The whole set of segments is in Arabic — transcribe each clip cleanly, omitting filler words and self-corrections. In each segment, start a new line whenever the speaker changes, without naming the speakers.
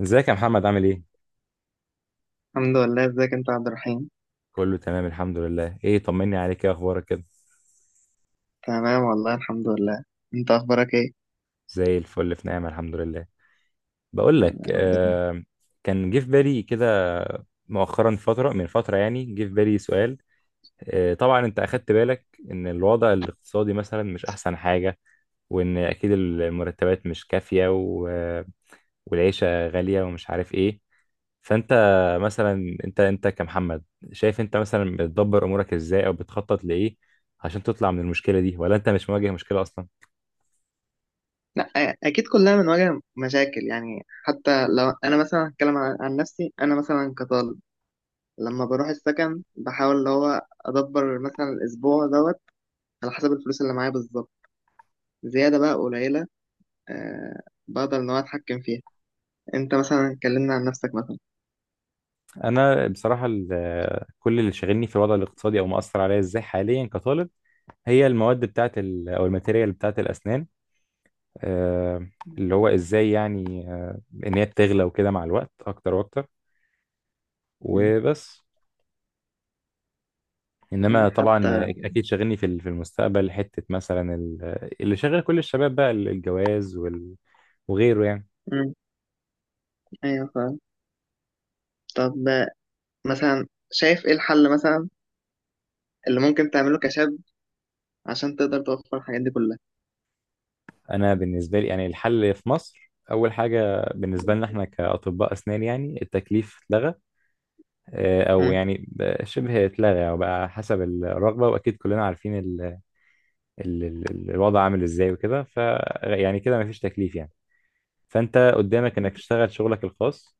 ازيك يا محمد؟ عامل ايه؟
الحمد لله. ازيك انت يا عبد الرحيم؟
كله تمام، الحمد لله. ايه، طمني عليك، ايه اخبارك كده؟
تمام والله الحمد لله. انت اخبارك ايه؟
زي الفل، في نعمة الحمد لله. بقول لك
يا رب دايما.
كان جه في بالي كده، مؤخرا فترة من فترة يعني جه في بالي سؤال. طبعا انت اخدت بالك ان الوضع الاقتصادي مثلا مش احسن حاجة، وان اكيد المرتبات مش كافية، والعيشة غالية ومش عارف ايه. فانت مثلا انت كمحمد، شايف انت مثلا بتدبر امورك ازاي او بتخطط لايه عشان تطلع من المشكلة دي، ولا انت مش مواجه مشكلة اصلا؟
لا اه، اكيد كلنا بنواجه مشاكل، يعني حتى لو انا مثلا هتكلم عن نفسي، انا مثلا كطالب لما بروح السكن بحاول اللي هو ادبر مثلا الاسبوع دوت على حسب الفلوس اللي معايا بالظبط، زياده بقى قليله أه بقدر ان هو اتحكم فيها. انت مثلا اتكلمنا عن نفسك مثلا.
انا بصراحه كل اللي شاغلني في الوضع الاقتصادي او مأثر عليا ازاي حاليا كطالب هي المواد بتاعه او الماتيريال بتاعه الاسنان. آه، اللي هو ازاي يعني، ان هي بتغلى وكده مع الوقت اكتر واكتر
مم.
وبس. انما
مم.
طبعا
حتى
اكيد شاغلني في في المستقبل، حته مثلا اللي شاغل كل الشباب بقى الجواز وغيره يعني.
مم. ايوه فاهم. طب مثلا، شايف ايه الحل مثلا اللي ممكن تعمله كشاب عشان تقدر توفر الحاجات دي كلها؟
انا بالنسبه لي يعني الحل في مصر اول حاجه بالنسبه لنا احنا كاطباء اسنان يعني التكليف اتلغى. او
مم.
يعني بقى شبه اتلغى او بقى حسب الرغبه، واكيد كلنا عارفين ال الوضع عامل ازاي وكده. ف يعني كده مفيش تكليف يعني، فانت قدامك انك تشتغل شغلك الخاص.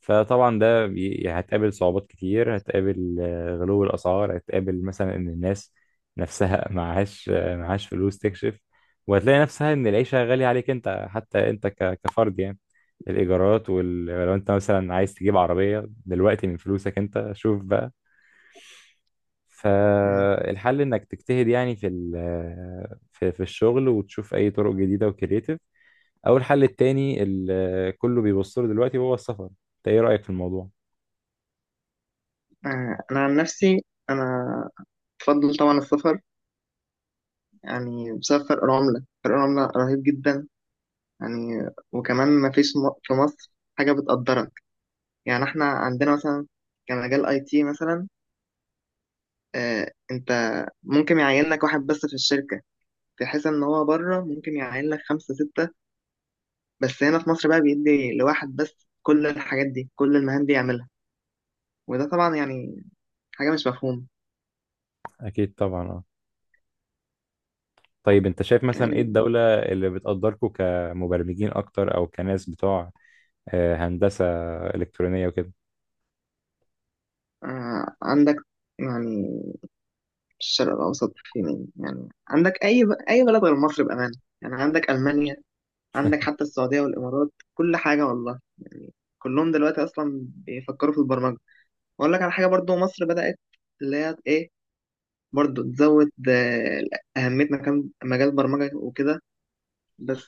فطبعا ده هتقابل صعوبات كتير، هتقابل غلو الأسعار، هتقابل مثلا إن الناس نفسها معهاش معهاش فلوس تكشف، وهتلاقي نفسها إن العيشة غالية عليك أنت، حتى أنت كفرد يعني. الإيجارات، ولو أنت مثلا عايز تجيب عربية دلوقتي من فلوسك أنت شوف بقى.
مم.
فالحل إنك تجتهد يعني في في الشغل، وتشوف أي طرق جديدة وكريتيف، أو الحل التاني اللي كله بيبص له دلوقتي هو السفر. أنت إيه رأيك في الموضوع؟
آه، أنا عن نفسي أنا بفضل طبعا السفر، يعني بسبب فرق العملة. فرق العملة رهيب جدا. يعني وكمان ما فيش في مصر حاجة بتقدرك، يعني احنا عندنا مثلا كمجال اي تي مثلا، آه، انت ممكن يعينك واحد بس في الشركة، في حيث ان هو بره ممكن يعين لك خمسة ستة، بس هنا في مصر بقى بيدي لواحد بس كل الحاجات دي، كل المهام دي يعملها. وده طبعا يعني حاجة مش مفهومة.
اكيد طبعا، اه. طيب انت شايف مثلا ايه
يعني.
الدولة اللي بتقدركم كمبرمجين اكتر، او كناس بتوع هندسة الكترونية وكده؟
آه، عندك يعني الشرق الأوسط فين؟ يعني عندك أي بلد غير مصر بأمانة، يعني عندك ألمانيا، عندك حتى السعودية والإمارات، كل حاجة والله. يعني كلهم دلوقتي أصلا بيفكروا في البرمجة. وأقول لك على حاجة، برضو مصر بدأت اللي هي إيه، برضو تزود آه، أهميتنا كم مجال البرمجة وكده، بس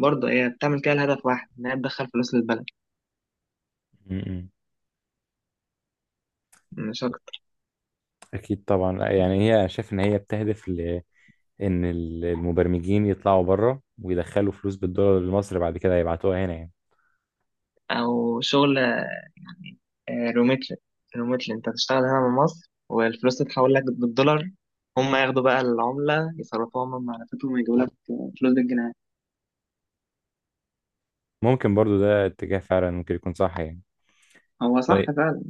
برضه هي بتعمل كده لهدف واحد، إنها تدخل فلوس للبلد،
م-م.
مش أكتر.
اكيد طبعا، لا، يعني هي أنا شايف ان هي بتهدف ل ان المبرمجين يطلعوا بره ويدخلوا فلوس بالدولار لمصر، بعد كده يبعتوها هنا يعني.
أو شغل آه، روميتل. روميتل، انت هتشتغل هنا من مصر والفلوس تتحول لك بالدولار، هم ياخدوا بقى العملة يصرفوها هم من معرفتهم ويجيبوا لك فلوس بالجنيه.
ممكن برضو ده اتجاه فعلا ممكن يكون صح يعني.
هو صح
طيب.
فعلا.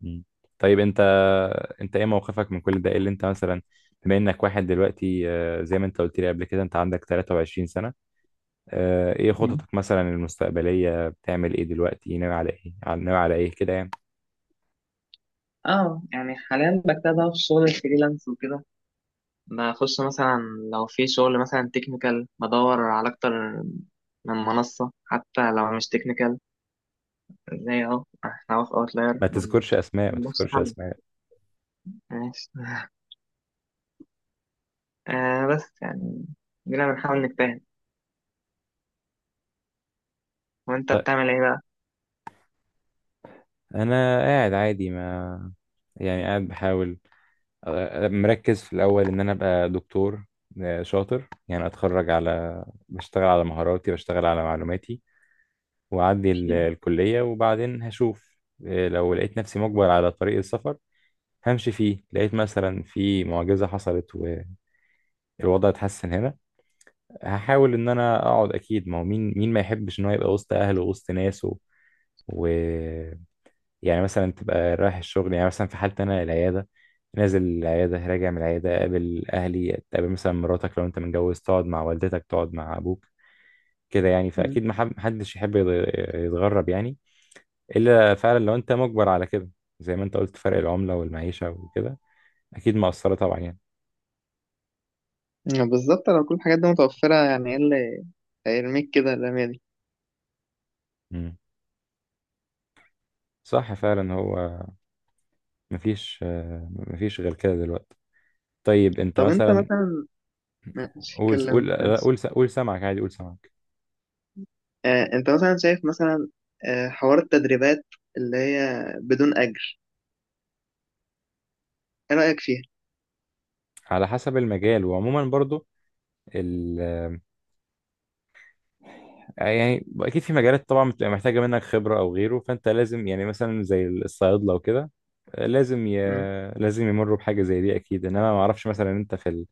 م. طيب انت ايه موقفك من كل ده؟ ايه اللي انت مثلا، بما انك واحد دلوقتي، زي ما انت قلت لي قبل كده انت عندك 23 سنة. ايه
مم.
خططك مثلا المستقبلية؟ بتعمل ايه دلوقتي؟ ناوي على ايه، ناوي على ايه كده يعني؟
اه يعني حاليا بكتبها في شغل الفريلانس وكده، بخش مثلا لو في شغل مثلا تكنيكال بدور على اكتر من منصة، حتى لو مش تكنيكال، زي اهو احنا أهو في اوتلاير
ما
من
تذكرش اسماء، ما
نفس
تذكرش
حل.
اسماء.
ماشي آه بس يعني جينا بنحاول نجتهد. وانت
طيب،
بتعمل ايه بقى؟
انا قاعد عادي ما، يعني قاعد بحاول، مركز في الاول ان انا ابقى دكتور شاطر يعني، اتخرج، على بشتغل على مهاراتي، بشتغل على معلوماتي، واعدي
أكيد.
الكلية وبعدين هشوف. لو لقيت نفسي مجبر على طريق السفر همشي فيه. لقيت مثلا في معجزة حصلت والوضع اتحسن هنا، هحاول ان انا اقعد. اكيد ما هو مين ما يحبش ان هو يبقى وسط اهله ووسط ناسه، و يعني مثلا تبقى رايح الشغل، يعني مثلا في حالتي انا العياده، نازل العياده، راجع من العياده، اقابل اهلي، اقابل مثلا مراتك لو انت متجوز، تقعد مع والدتك، تقعد مع ابوك. كده يعني، فاكيد ما حب- محدش يحب يتغرب يعني، الا فعلا لو انت مجبر على كده، زي ما انت قلت. فرق العمله والمعيشه وكده اكيد مأثره طبعا يعني.
يعني بالظبط لو كل الحاجات دي متوفرة، يعني ايه اللي هيرميك كده الرمية دي؟
مم. صح فعلا. هو مفيش، مفيش غير كده دلوقتي. طيب انت
طب انت
مثلا،
مثلا ماشي،
قول
اتكلم
قول
انت
لا،
ماشي.
قول قول سمعك عادي، قول سمعك.
آه انت مثلا شايف مثلا آه حوار التدريبات اللي هي بدون أجر، ايه رأيك فيها؟
على حسب المجال، وعموما برضو ال يعني اكيد في مجالات طبعا بتبقى محتاجه منك خبره او غيره، فانت لازم يعني مثلا زي الصيادله وكده لازم
مم،
لازم يمروا بحاجه زي دي اكيد. انما ما اعرفش مثلا انت في ال...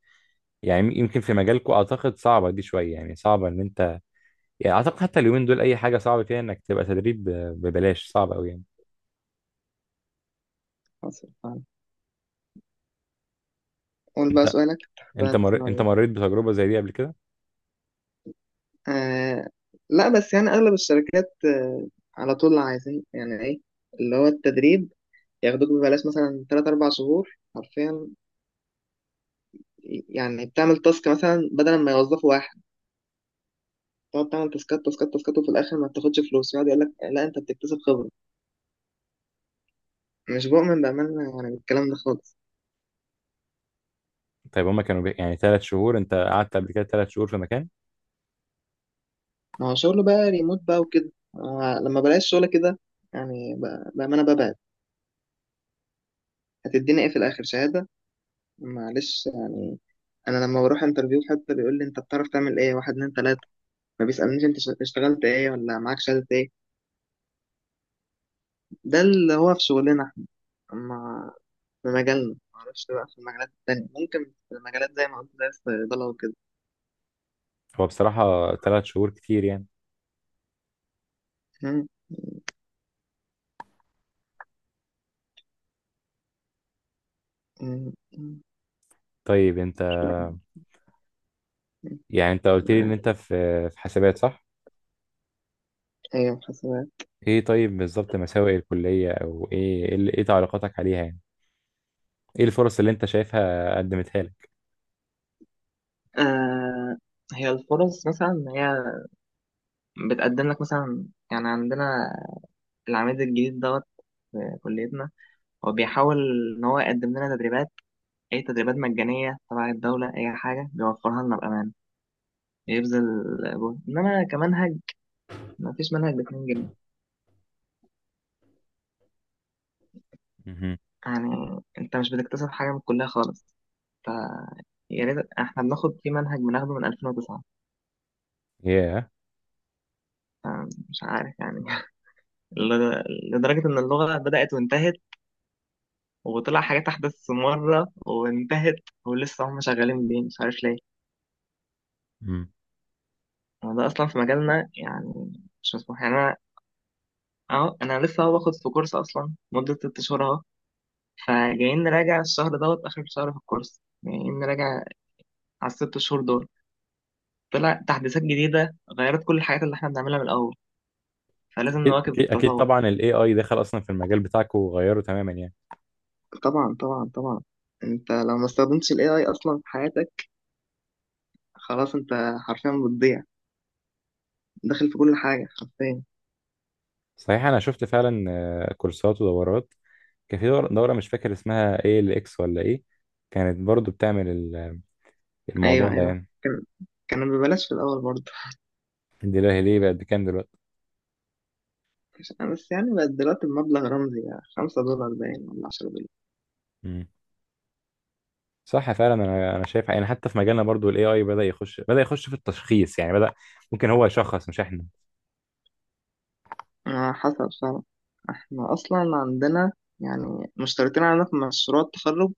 يعني يمكن في مجالكم اعتقد صعبه دي شويه، يعني صعبه ان انت يعني، اعتقد حتى اليومين دول اي حاجه صعبه فيها انك تبقى تدريب ببلاش صعبه قوي يعني.
حصل فعلا. قول بقى
انت
سؤالك، تحت هتسمع
انت
إيه.
مريت بتجربه زي دي قبل كده؟
آه لا، بس يعني أغلب الشركات آه، على طول عايزين يعني ايه اللي هو التدريب. ياخدوك ببلاش مثلا تلات أربع شهور حرفيا، يعني بتعمل تاسك مثلا بدل ما يوظفوا واحد، تقعد تعمل تاسكات تاسكات تاسكات، وفي الاخر ما بتاخدش فلوس. يقعد يقول لك لا انت بتكتسب خبره. مش بؤمن بامانه يعني بالكلام ده خالص.
طيب هما كانوا بي... يعني 3 شهور انت قعدت قبل كده 3 شهور في مكان؟
ما هو شغل بقى ريموت بقى وكده، آه، لما بلاقي الشغل كده يعني بامانه ببعد. هتديني ايه في الاخر؟ شهاده؟ معلش يعني. انا لما بروح انترفيو حتى بيقول لي انت بتعرف تعمل ايه، واحد اتنين تلاته، ما بيسالنيش انت اشتغلت ايه ولا معاك شهاده ايه. ده اللي هو في شغلنا احنا، ما في مجالنا. معرفش بقى في المجالات التانية، ممكن في المجالات زي ما قلت زي الصيدلة وكده.
هو بصراحة 3 شهور كتير يعني.
مم. مم. مم.
طيب انت، يعني انت قلت لي ان
معاك.
انت في حسابات صح؟
ايوه حاسبات.
ايه طيب بالظبط مساوئ الكلية او ايه؟ ايه إيه تعليقاتك عليها يعني؟ ايه الفرص اللي انت شايفها قدمتها لك؟
آه، هي الفرص مثلا هي بتقدم لك مثلا، يعني عندنا العميد الجديد دوت في كليتنا، هو بيحاول ان هو يقدم لنا تدريبات، اي تدريبات مجانيه تبع الدوله، اي حاجه بيوفرها لنا بامان. بيبذل جهد، انما كمنهج ما فيش منهج. ب 2 جنيه
مهم.
يعني انت مش بتكتسب حاجه من الكليه خالص. ف يا ريت. احنا بناخد في منهج بناخده من 2009.
ياه.
ف- مش عارف يعني لدرجه ان اللغه بدات وانتهت، وطلع حاجات أحدث مرة وانتهت، ولسه هم شغالين بيه مش عارف ليه.
مم.
هو ده أصلا في مجالنا يعني مش مسموح. يعني أنا أهو، أنا لسه أهو باخد في كورس أصلا مدة 6 شهور أهو، فجايين نراجع الشهر دوت آخر شهر في الكورس، جايين نراجع على الـ6 شهور دول، طلع تحديثات جديدة غيرت كل الحاجات اللي إحنا بنعملها من الأول. فلازم
اكيد
نواكب
اكيد اكيد
التطور.
طبعا. الاي اي دخل اصلا في المجال بتاعك وغيره تماما يعني.
طبعا طبعا طبعا. انت لو ما استخدمتش الاي اي اصلا في حياتك، خلاص انت حرفيا بتضيع. داخل في كل حاجه حرفيا.
صحيح، انا شفت فعلا كورسات ودورات. كان في دورة مش فاكر اسمها ايه، الاكس ولا ايه، كانت برضو بتعمل
ايوه
الموضوع ده
ايوه،
يعني.
كان، كان ببلاش في الاول برضه
دلوقتي ليه بقت بكام دلوقتي؟
بس يعني بقت دلوقتي بمبلغ رمزي، يعني $5 باين، ولا $10.
مم. صح فعلا. انا شايف يعني حتى في مجالنا برضو الاي اي بدأ يخش، بدأ يخش في التشخيص يعني، بدأ ممكن هو يشخص مش احنا.
على حسب فعلا. احنا اصلا عندنا يعني مشتركين عندنا في مشروع التخرج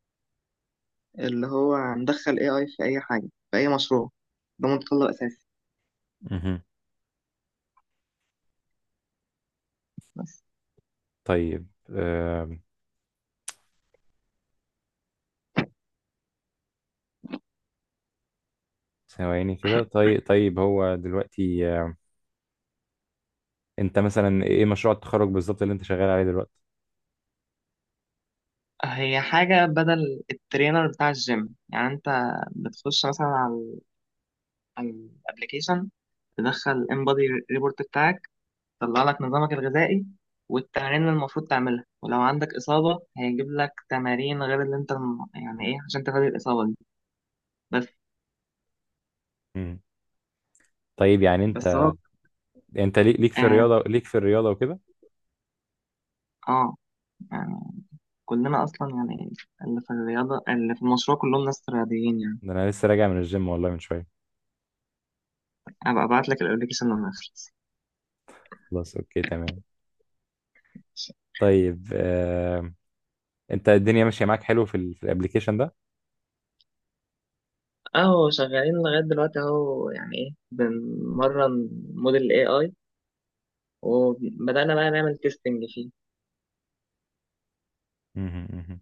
اللي هو هندخل اي اي في اي حاجة في اي مشروع. ده متطلب اساسي.
مهم.
بس.
طيب ثواني كده. طيب طيب هو دلوقتي، انت مثلا ايه مشروع التخرج بالظبط اللي انت شغال عليه دلوقتي؟
هي حاجة بدل الترينر بتاع الجيم، يعني انت بتخش مثلا على على الابليكيشن، تدخل انبادي ريبورت بتاعك، طلع لك نظامك الغذائي والتمارين اللي المفروض تعملها، ولو عندك إصابة هيجيب لك تمارين غير اللي أنت يعني إيه، عشان تغير الإصابة دي. بس.
مم. طيب يعني
بس
انت،
هو
انت
آه,
ليك في الرياضة وكده.
آه يعني كلنا أصلا يعني اللي في الرياضة، اللي في المشروع كلهم ناس رياضيين يعني.
ده انا لسه راجع من الجيم والله من شوية.
أبقى أبعت لك الأبلكيشن لما يخلص.
خلاص، اوكي تمام. طيب انت الدنيا ماشية معاك حلو في في الابليكيشن ده؟
أهو شغالين لغاية دلوقتي أهو، يعني إيه، بنمرن موديل ال AI، وبدأنا بقى نعمل تيستنج فيه.
مهم. مهم.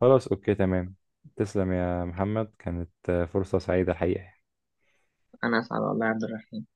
خلاص أوكي تمام. تسلم يا محمد، كانت فرصة سعيدة الحقيقة.
أنا أسعد والله يا عبد الرحيم.